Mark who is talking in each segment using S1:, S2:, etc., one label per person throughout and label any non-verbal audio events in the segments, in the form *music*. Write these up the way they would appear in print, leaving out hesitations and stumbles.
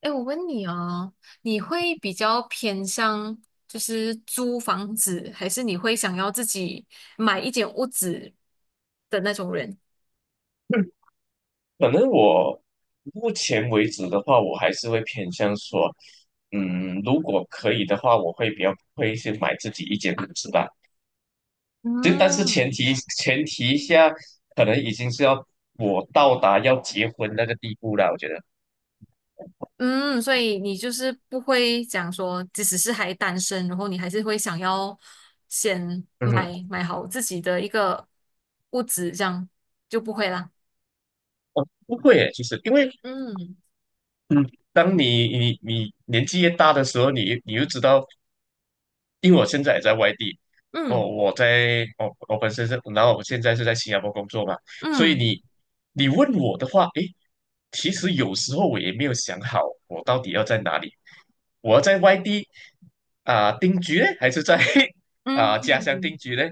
S1: 哎，我问你哦，你会比较偏向就是租房子，还是你会想要自己买一间屋子的那种人？
S2: 可能我目前为止的话，我还是会偏向说，如果可以的话，我会比较会去买自己一间屋子吧。就但是前
S1: 嗯
S2: 提前提下，可能已经是要我到达要结婚那个地步了。我觉得，
S1: 嗯，所以你就是不会讲说，即使是还单身，然后你还是会想要先
S2: 嗯，
S1: 买好自己的一个屋子，这样就不会啦。
S2: 哦，不会耶，其实因为，
S1: 嗯
S2: 嗯，当你年纪越大的时候，你又知道因为我现在也在外地，哦，
S1: 嗯
S2: 我在，我我本身是，然后我现在是在新加坡工作嘛，所以
S1: 嗯
S2: 你问我的话，诶，其实有时候我也没有想好，我到底要在哪里，我要在外地啊、定居呢，还是在 *laughs* 啊、家乡
S1: 嗯
S2: 定居呢？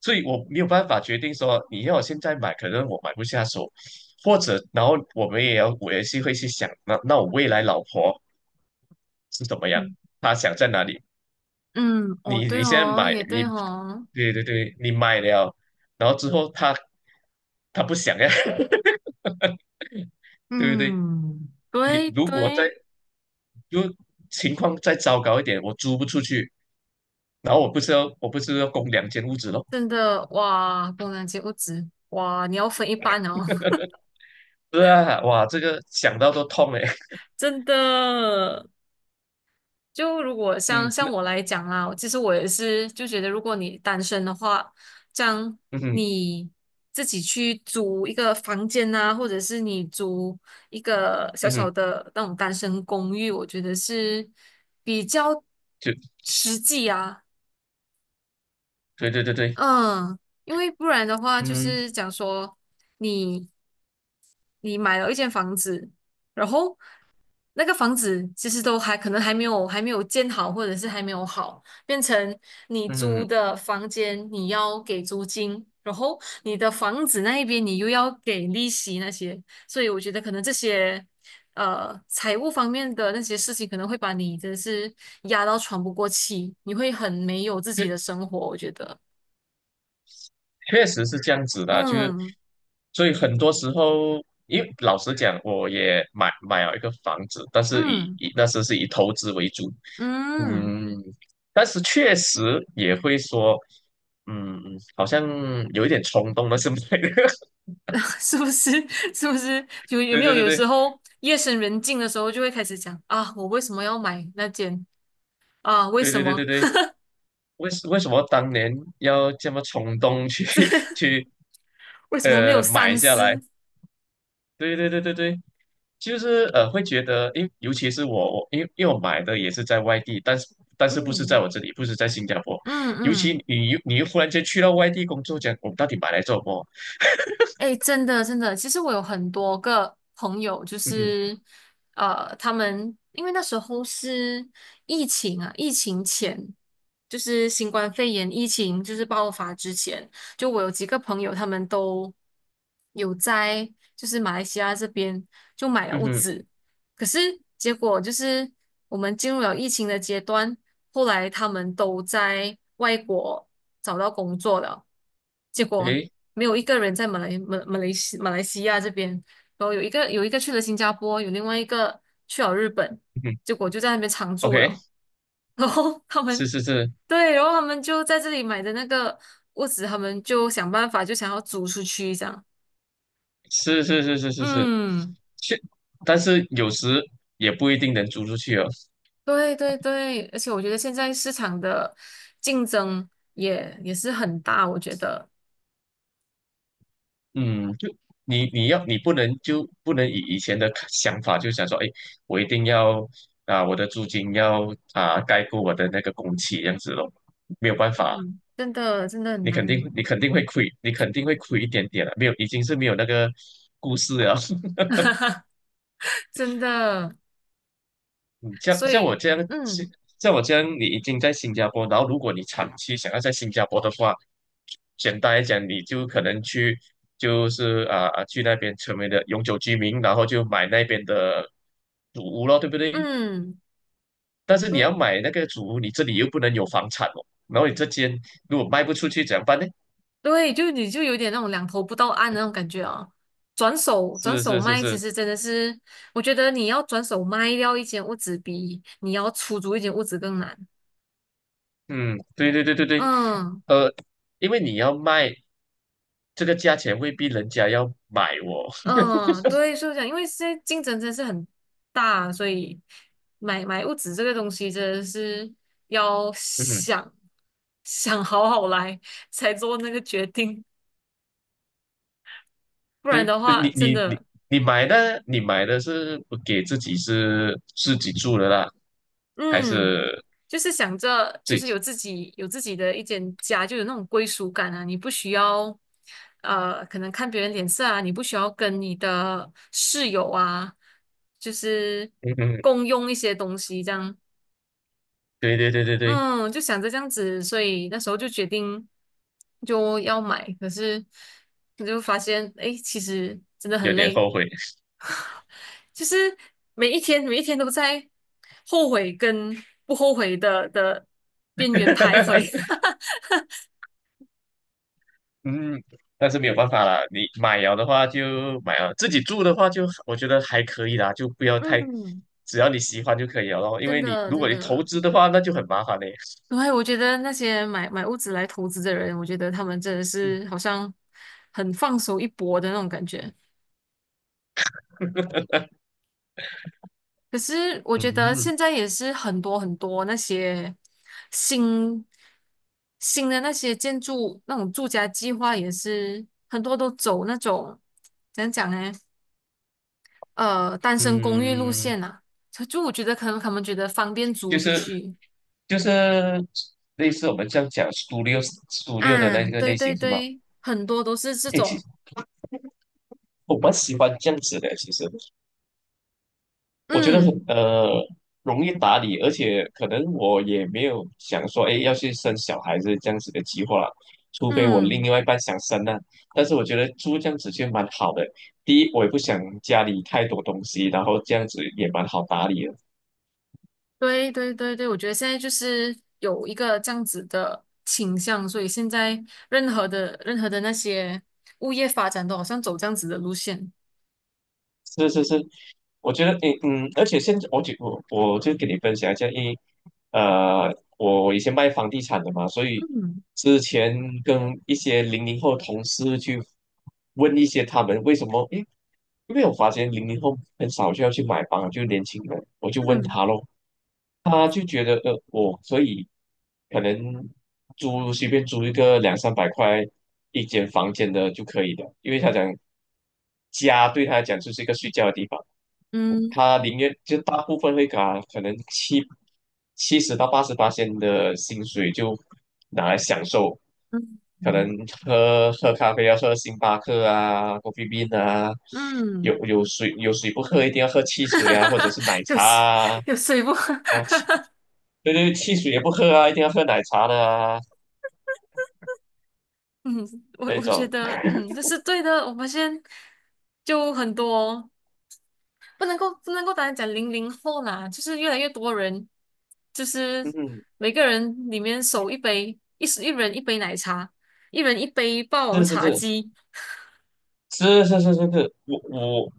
S2: 所以我没有办法决定说你要我现在买，可能我买不下手，或者然后我们也要我也是会去想，那我未来老婆是怎么样，
S1: 嗯
S2: 她想在哪里？
S1: 嗯，哦，
S2: 你
S1: 对
S2: 你现在
S1: 哦，
S2: 买
S1: 也
S2: 你，
S1: 对哦。
S2: 对对对，你买了，然后之后他不想呀，*laughs* 对不对？
S1: 嗯，
S2: 你
S1: 对
S2: 如果再
S1: 对，
S2: 就情况再糟糕一点，我租不出去，然后我不是要供两间屋子咯？
S1: 真的哇，工人阶不止哇，你要分一半哦。*laughs*
S2: 对啊，哇，这个想到都痛哎。*laughs*
S1: 真的。就如果像
S2: 嗯，
S1: 像
S2: 那
S1: 我来讲啦，其实我也是就觉得，如果你单身的话，这样
S2: 嗯哼
S1: 你自己去租一个房间啊，或者是你租一个小
S2: 嗯
S1: 小
S2: 哼，
S1: 的那种单身公寓，我觉得是比较
S2: 就
S1: 实际啊。
S2: 对对对对，
S1: 嗯。因为不然的话，就
S2: 嗯
S1: 是讲说你你买了一间房子，然后那个房子其实都还可能还没有建好，或者是还没有好，变成你租
S2: 嗯，
S1: 的房间你要给租金，然后你的房子那一边你又要给利息那些，所以我觉得可能这些财务方面的那些事情可能会把你真的是压到喘不过气，你会很没有自己的生活，我觉得。
S2: 确实是这样子的啊，就是
S1: 嗯
S2: 所以很多时候，因为老实讲，我也买了一个房子，但是
S1: 嗯
S2: 那时是以投资为主，
S1: 嗯。
S2: 嗯，但是确实也会说，嗯，好像有一点冲动了，是不是？*laughs*
S1: *laughs* 是不是？*laughs* 是不是？有有
S2: 对
S1: 没有
S2: 对对
S1: 有时
S2: 对
S1: 候夜深人静的时候，就会开始讲啊，我为什么要买那件啊？为
S2: 对
S1: 什
S2: 对对对
S1: 么
S2: 对，为什么当年要这么冲动去 *laughs* 去
S1: *laughs* 为什么没有
S2: 买
S1: 三
S2: 下来？
S1: 思？
S2: 对对对对对，就是会觉得，尤其是我因为我买的也是在外地，但是不是在
S1: 嗯
S2: 我这里，不是在新加坡，
S1: 嗯
S2: 尤其
S1: 嗯。
S2: 你又忽然间去到外地工作，讲我们到底买来做什么？
S1: 哎，诶真的真的，其实我有很多个朋友，就
S2: 嗯哼，
S1: 是他们因为那时候是疫情啊，疫情前就是新冠肺炎疫情就是爆发之前，就我有几个朋友，他们都有在就是马来西亚这边就买了
S2: 嗯
S1: 物
S2: 哼，
S1: 资。可是结果就是我们进入了疫情的阶段，后来他们都在外国找到工作了，结果
S2: 诶，
S1: 没有一个人在马来西亚这边，然后有一个去了新加坡，有另外一个去了日本，
S2: 嗯哼
S1: 结果就在那边常住
S2: ，OK，
S1: 了。*laughs* 然后他
S2: 是
S1: 们
S2: 是是
S1: 对，然后他们就在这里买的那个屋子，他们就想办法就想要租出去这样。
S2: 是是是是是是，
S1: 嗯。
S2: 是，但是有时也不一定能租出去哦。
S1: 对对对，而且我觉得现在市场的竞争也是很大，我觉得。
S2: 嗯，就你你要你不能就不能以以前的看想法，就想说，哎，我一定要啊，我的租金要啊盖过我的那个工期这样子咯，没有办法，
S1: 嗯，真的真的很
S2: 你肯
S1: 难。
S2: 定你肯定会亏，你肯定会亏一点点的，没有已经是没有那个故事了。*laughs*
S1: *laughs* 真的，
S2: 像
S1: 所
S2: 像我
S1: 以。
S2: 这样，
S1: 嗯
S2: 像我这样，你已经在新加坡，然后如果你长期想要在新加坡的话，简单来讲，你就可能去，就是去那边成为了永久居民，然后就买那边的主屋咯，对不对？
S1: 嗯
S2: 但是你要
S1: 嗯，
S2: 买那个主屋，你这里又不能有房产哦，然后你这间如果卖不出去怎么办呢？
S1: 对，就你就有点那种两头不到岸的那种感觉啊。转手转
S2: 是
S1: 手
S2: 是是
S1: 卖，其
S2: 是，
S1: 实真的是，我觉得你要转手卖掉一间屋子比你要出租一间屋子更难。
S2: 嗯，对对对对对，
S1: 嗯。
S2: 呃，因为你要卖这个价钱，未必人家要买哦。
S1: 嗯，对，是这样，因为现在竞争真的是很大，所以买物质这个东西真的是要
S2: *laughs* 嗯哼。
S1: 想好好来才做那个决定，不然
S2: 对，
S1: 的话，
S2: 你
S1: 真
S2: 你你
S1: 的。
S2: 你买的，你买的是不给自己是自己住的啦，还
S1: 嗯，
S2: 是
S1: 就是想着就
S2: 自
S1: 是有
S2: 己？
S1: 自己有自己的一间家，就有那种归属感啊，你不需要可能看别人脸色啊，你不需要跟你的室友啊，就是
S2: 嗯嗯，
S1: 共用一些东西这样。
S2: 对对对对对，
S1: 嗯，就想着这样子，所以那时候就决定就要买，可是我就发现，哎，其实真的
S2: 有
S1: 很
S2: 点
S1: 累，
S2: 后悔。
S1: 就是每一天每一天都在后悔跟不后悔的边缘徘徊。
S2: *laughs*
S1: *laughs*
S2: 嗯，但是没有办法啦，你买了的话就买了，自己住的话就我觉得还可以啦，就不要太，
S1: 嗯，
S2: 只要你喜欢就可以了咯。因
S1: 真
S2: 为你
S1: 的
S2: 如果
S1: 真
S2: 你投
S1: 的，
S2: 资的话，那就很麻烦嘞。
S1: 对，我觉得那些买屋子来投资的人，我觉得他们真的是好像很放手一搏的那种感觉。可是我觉得
S2: 嗯
S1: 现在也是很多很多那些新新的那些建筑那种住家计划，也是很多都走那种怎样讲呢？单身公寓路
S2: 嗯，
S1: 线啊，就我觉得可能他们觉得方便租
S2: 就
S1: 出
S2: 是
S1: 去
S2: 就是类似我们这样讲 studio 的
S1: 啊。
S2: 那个
S1: 对
S2: 类
S1: 对
S2: 型是吗？
S1: 对，很多都是这
S2: 诶，
S1: 种。
S2: 我蛮喜欢这样子的，其实我觉得很
S1: 嗯
S2: 容易打理，而且可能我也没有想说，哎，要去生小孩子这样子的计划，除非我另
S1: 嗯。
S2: 外一半想生呢、但是我觉得租这样子就蛮好的，第一，我也不想家里太多东西，然后这样子也蛮好打理的。
S1: 对对对对，我觉得现在就是有一个这样子的倾向，所以现在任何的那些物业发展都好像走这样子的路线。
S2: 是是是，我觉得，诶，而且现在我就跟你分享一下，因为我以前卖房地产的嘛，所以
S1: 嗯
S2: 之前跟一些零零后同事去问一些他们为什么，诶，因为我发现零零后很少就要去买房，就年轻人，我就问
S1: 嗯
S2: 他咯，他就觉得所以可能随便租一个两三百块一间房间的就可以的，因为他讲家对他来讲就是一个睡觉的地方。
S1: 嗯
S2: 他宁愿就大部分会搞，可能七七十到八十八千的薪水就拿来享受，
S1: 嗯
S2: 可能
S1: 嗯
S2: 喝喝咖啡要喝星巴克啊、c o f f 啊，有
S1: 嗯。
S2: 有水有水不喝一定要喝汽
S1: *laughs*
S2: 水
S1: 哈
S2: 啊，
S1: 哈
S2: 或者
S1: 哈
S2: 是奶
S1: *laughs* 有
S2: 茶
S1: 水
S2: 啊
S1: 有水不？*laughs*
S2: 啊对对汽水也不喝啊，一定要喝奶茶的啊
S1: 嗯，我
S2: 那
S1: 我觉
S2: 种，
S1: 得这是对的，我发现就很多。不能够单单讲00后啦，就是越来越多人，就是
S2: 嗯，
S1: 每个人里面手一杯，一人一杯奶茶，一人一杯霸王
S2: 是是
S1: 茶
S2: 是
S1: 姬。
S2: 是是是是是，我。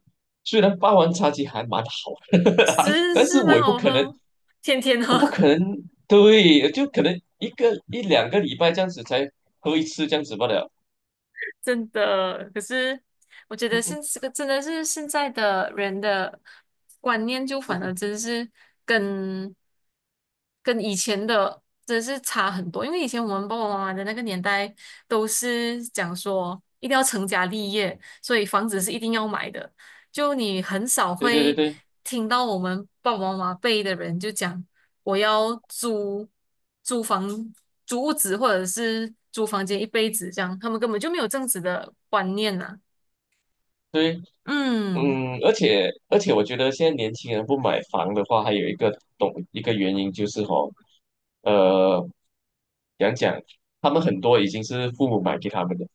S2: 虽然霸王茶姬还蛮好的，*laughs*
S1: 是
S2: 但是
S1: 是
S2: 我
S1: 蛮
S2: 也不
S1: 好
S2: 可能
S1: 喝，天天
S2: 我不
S1: 喝。
S2: 可
S1: *laughs*
S2: 能，对，就可能一个一两个礼拜这样子才喝一次这样子罢了。
S1: 真的，可是我觉得现
S2: *laughs*
S1: 这个真的是现在的人的观念，就
S2: 嗯
S1: 反而
S2: 哼
S1: 真是跟跟以前的真是差很多。因为以前我们爸爸妈妈的那个年代，都是讲说一定要成家立业，所以房子是一定要买的。就你很少
S2: 对对对
S1: 会
S2: 对
S1: 听到我们爸爸妈妈辈的人就讲我要租房、租屋子或者是租房间一辈子这样，他们根本就没有这样子的观念呐、
S2: 对，
S1: 嗯。
S2: 而且，我觉得现在年轻人不买房的话，还有一个懂一个原因就是吼，呃，讲讲他们很多已经是父母买给他们的，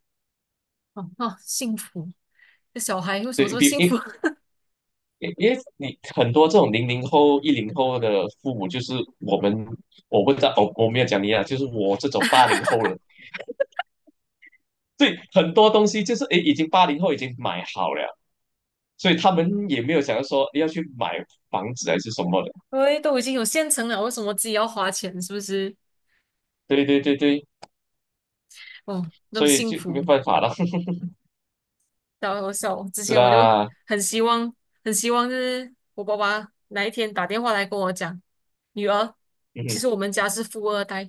S1: 哦哦，幸福，这小孩为什么
S2: 对
S1: 这么
S2: 比
S1: 幸
S2: 因
S1: 福？*laughs*
S2: 因因为你很多这种零零后、10后的父母，就是我们我不知道，我没有讲你啊，就是我这种八零后了。对，很多东西就是诶，已经八零后已经买好了，所以他们也没有想要说诶要去买房子还是什么的。
S1: 喂，都已经有现成了，为什么自己要花钱？是不是？
S2: 对对对对，
S1: 哦，那么
S2: 所以
S1: 幸
S2: 就
S1: 福。
S2: 没办法了。*laughs*
S1: 我笑。之
S2: 是
S1: 前我就
S2: 啦，
S1: 很希望，很希望就是我爸爸哪一天打电话来跟我讲，女儿，其
S2: 嗯，
S1: 实我们家是富二代。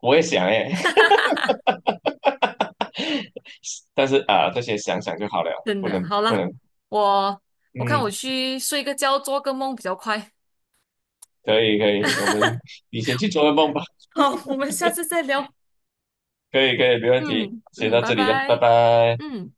S2: 我也想诶，
S1: *laughs*
S2: *laughs* 但是啊，这些想想就好了，
S1: 真
S2: 不
S1: 的。
S2: 能
S1: 好
S2: 不
S1: 了，
S2: 能，
S1: 我我看我
S2: 嗯，
S1: 去睡个觉，做个梦比较快。
S2: 可以可以，
S1: *laughs*
S2: 你先去做个梦吧，
S1: 好，我们下次再聊。
S2: 可以可以，没问题，
S1: 嗯
S2: 先
S1: 嗯，
S2: 到
S1: 拜
S2: 这里了，拜
S1: 拜。
S2: 拜。
S1: 嗯。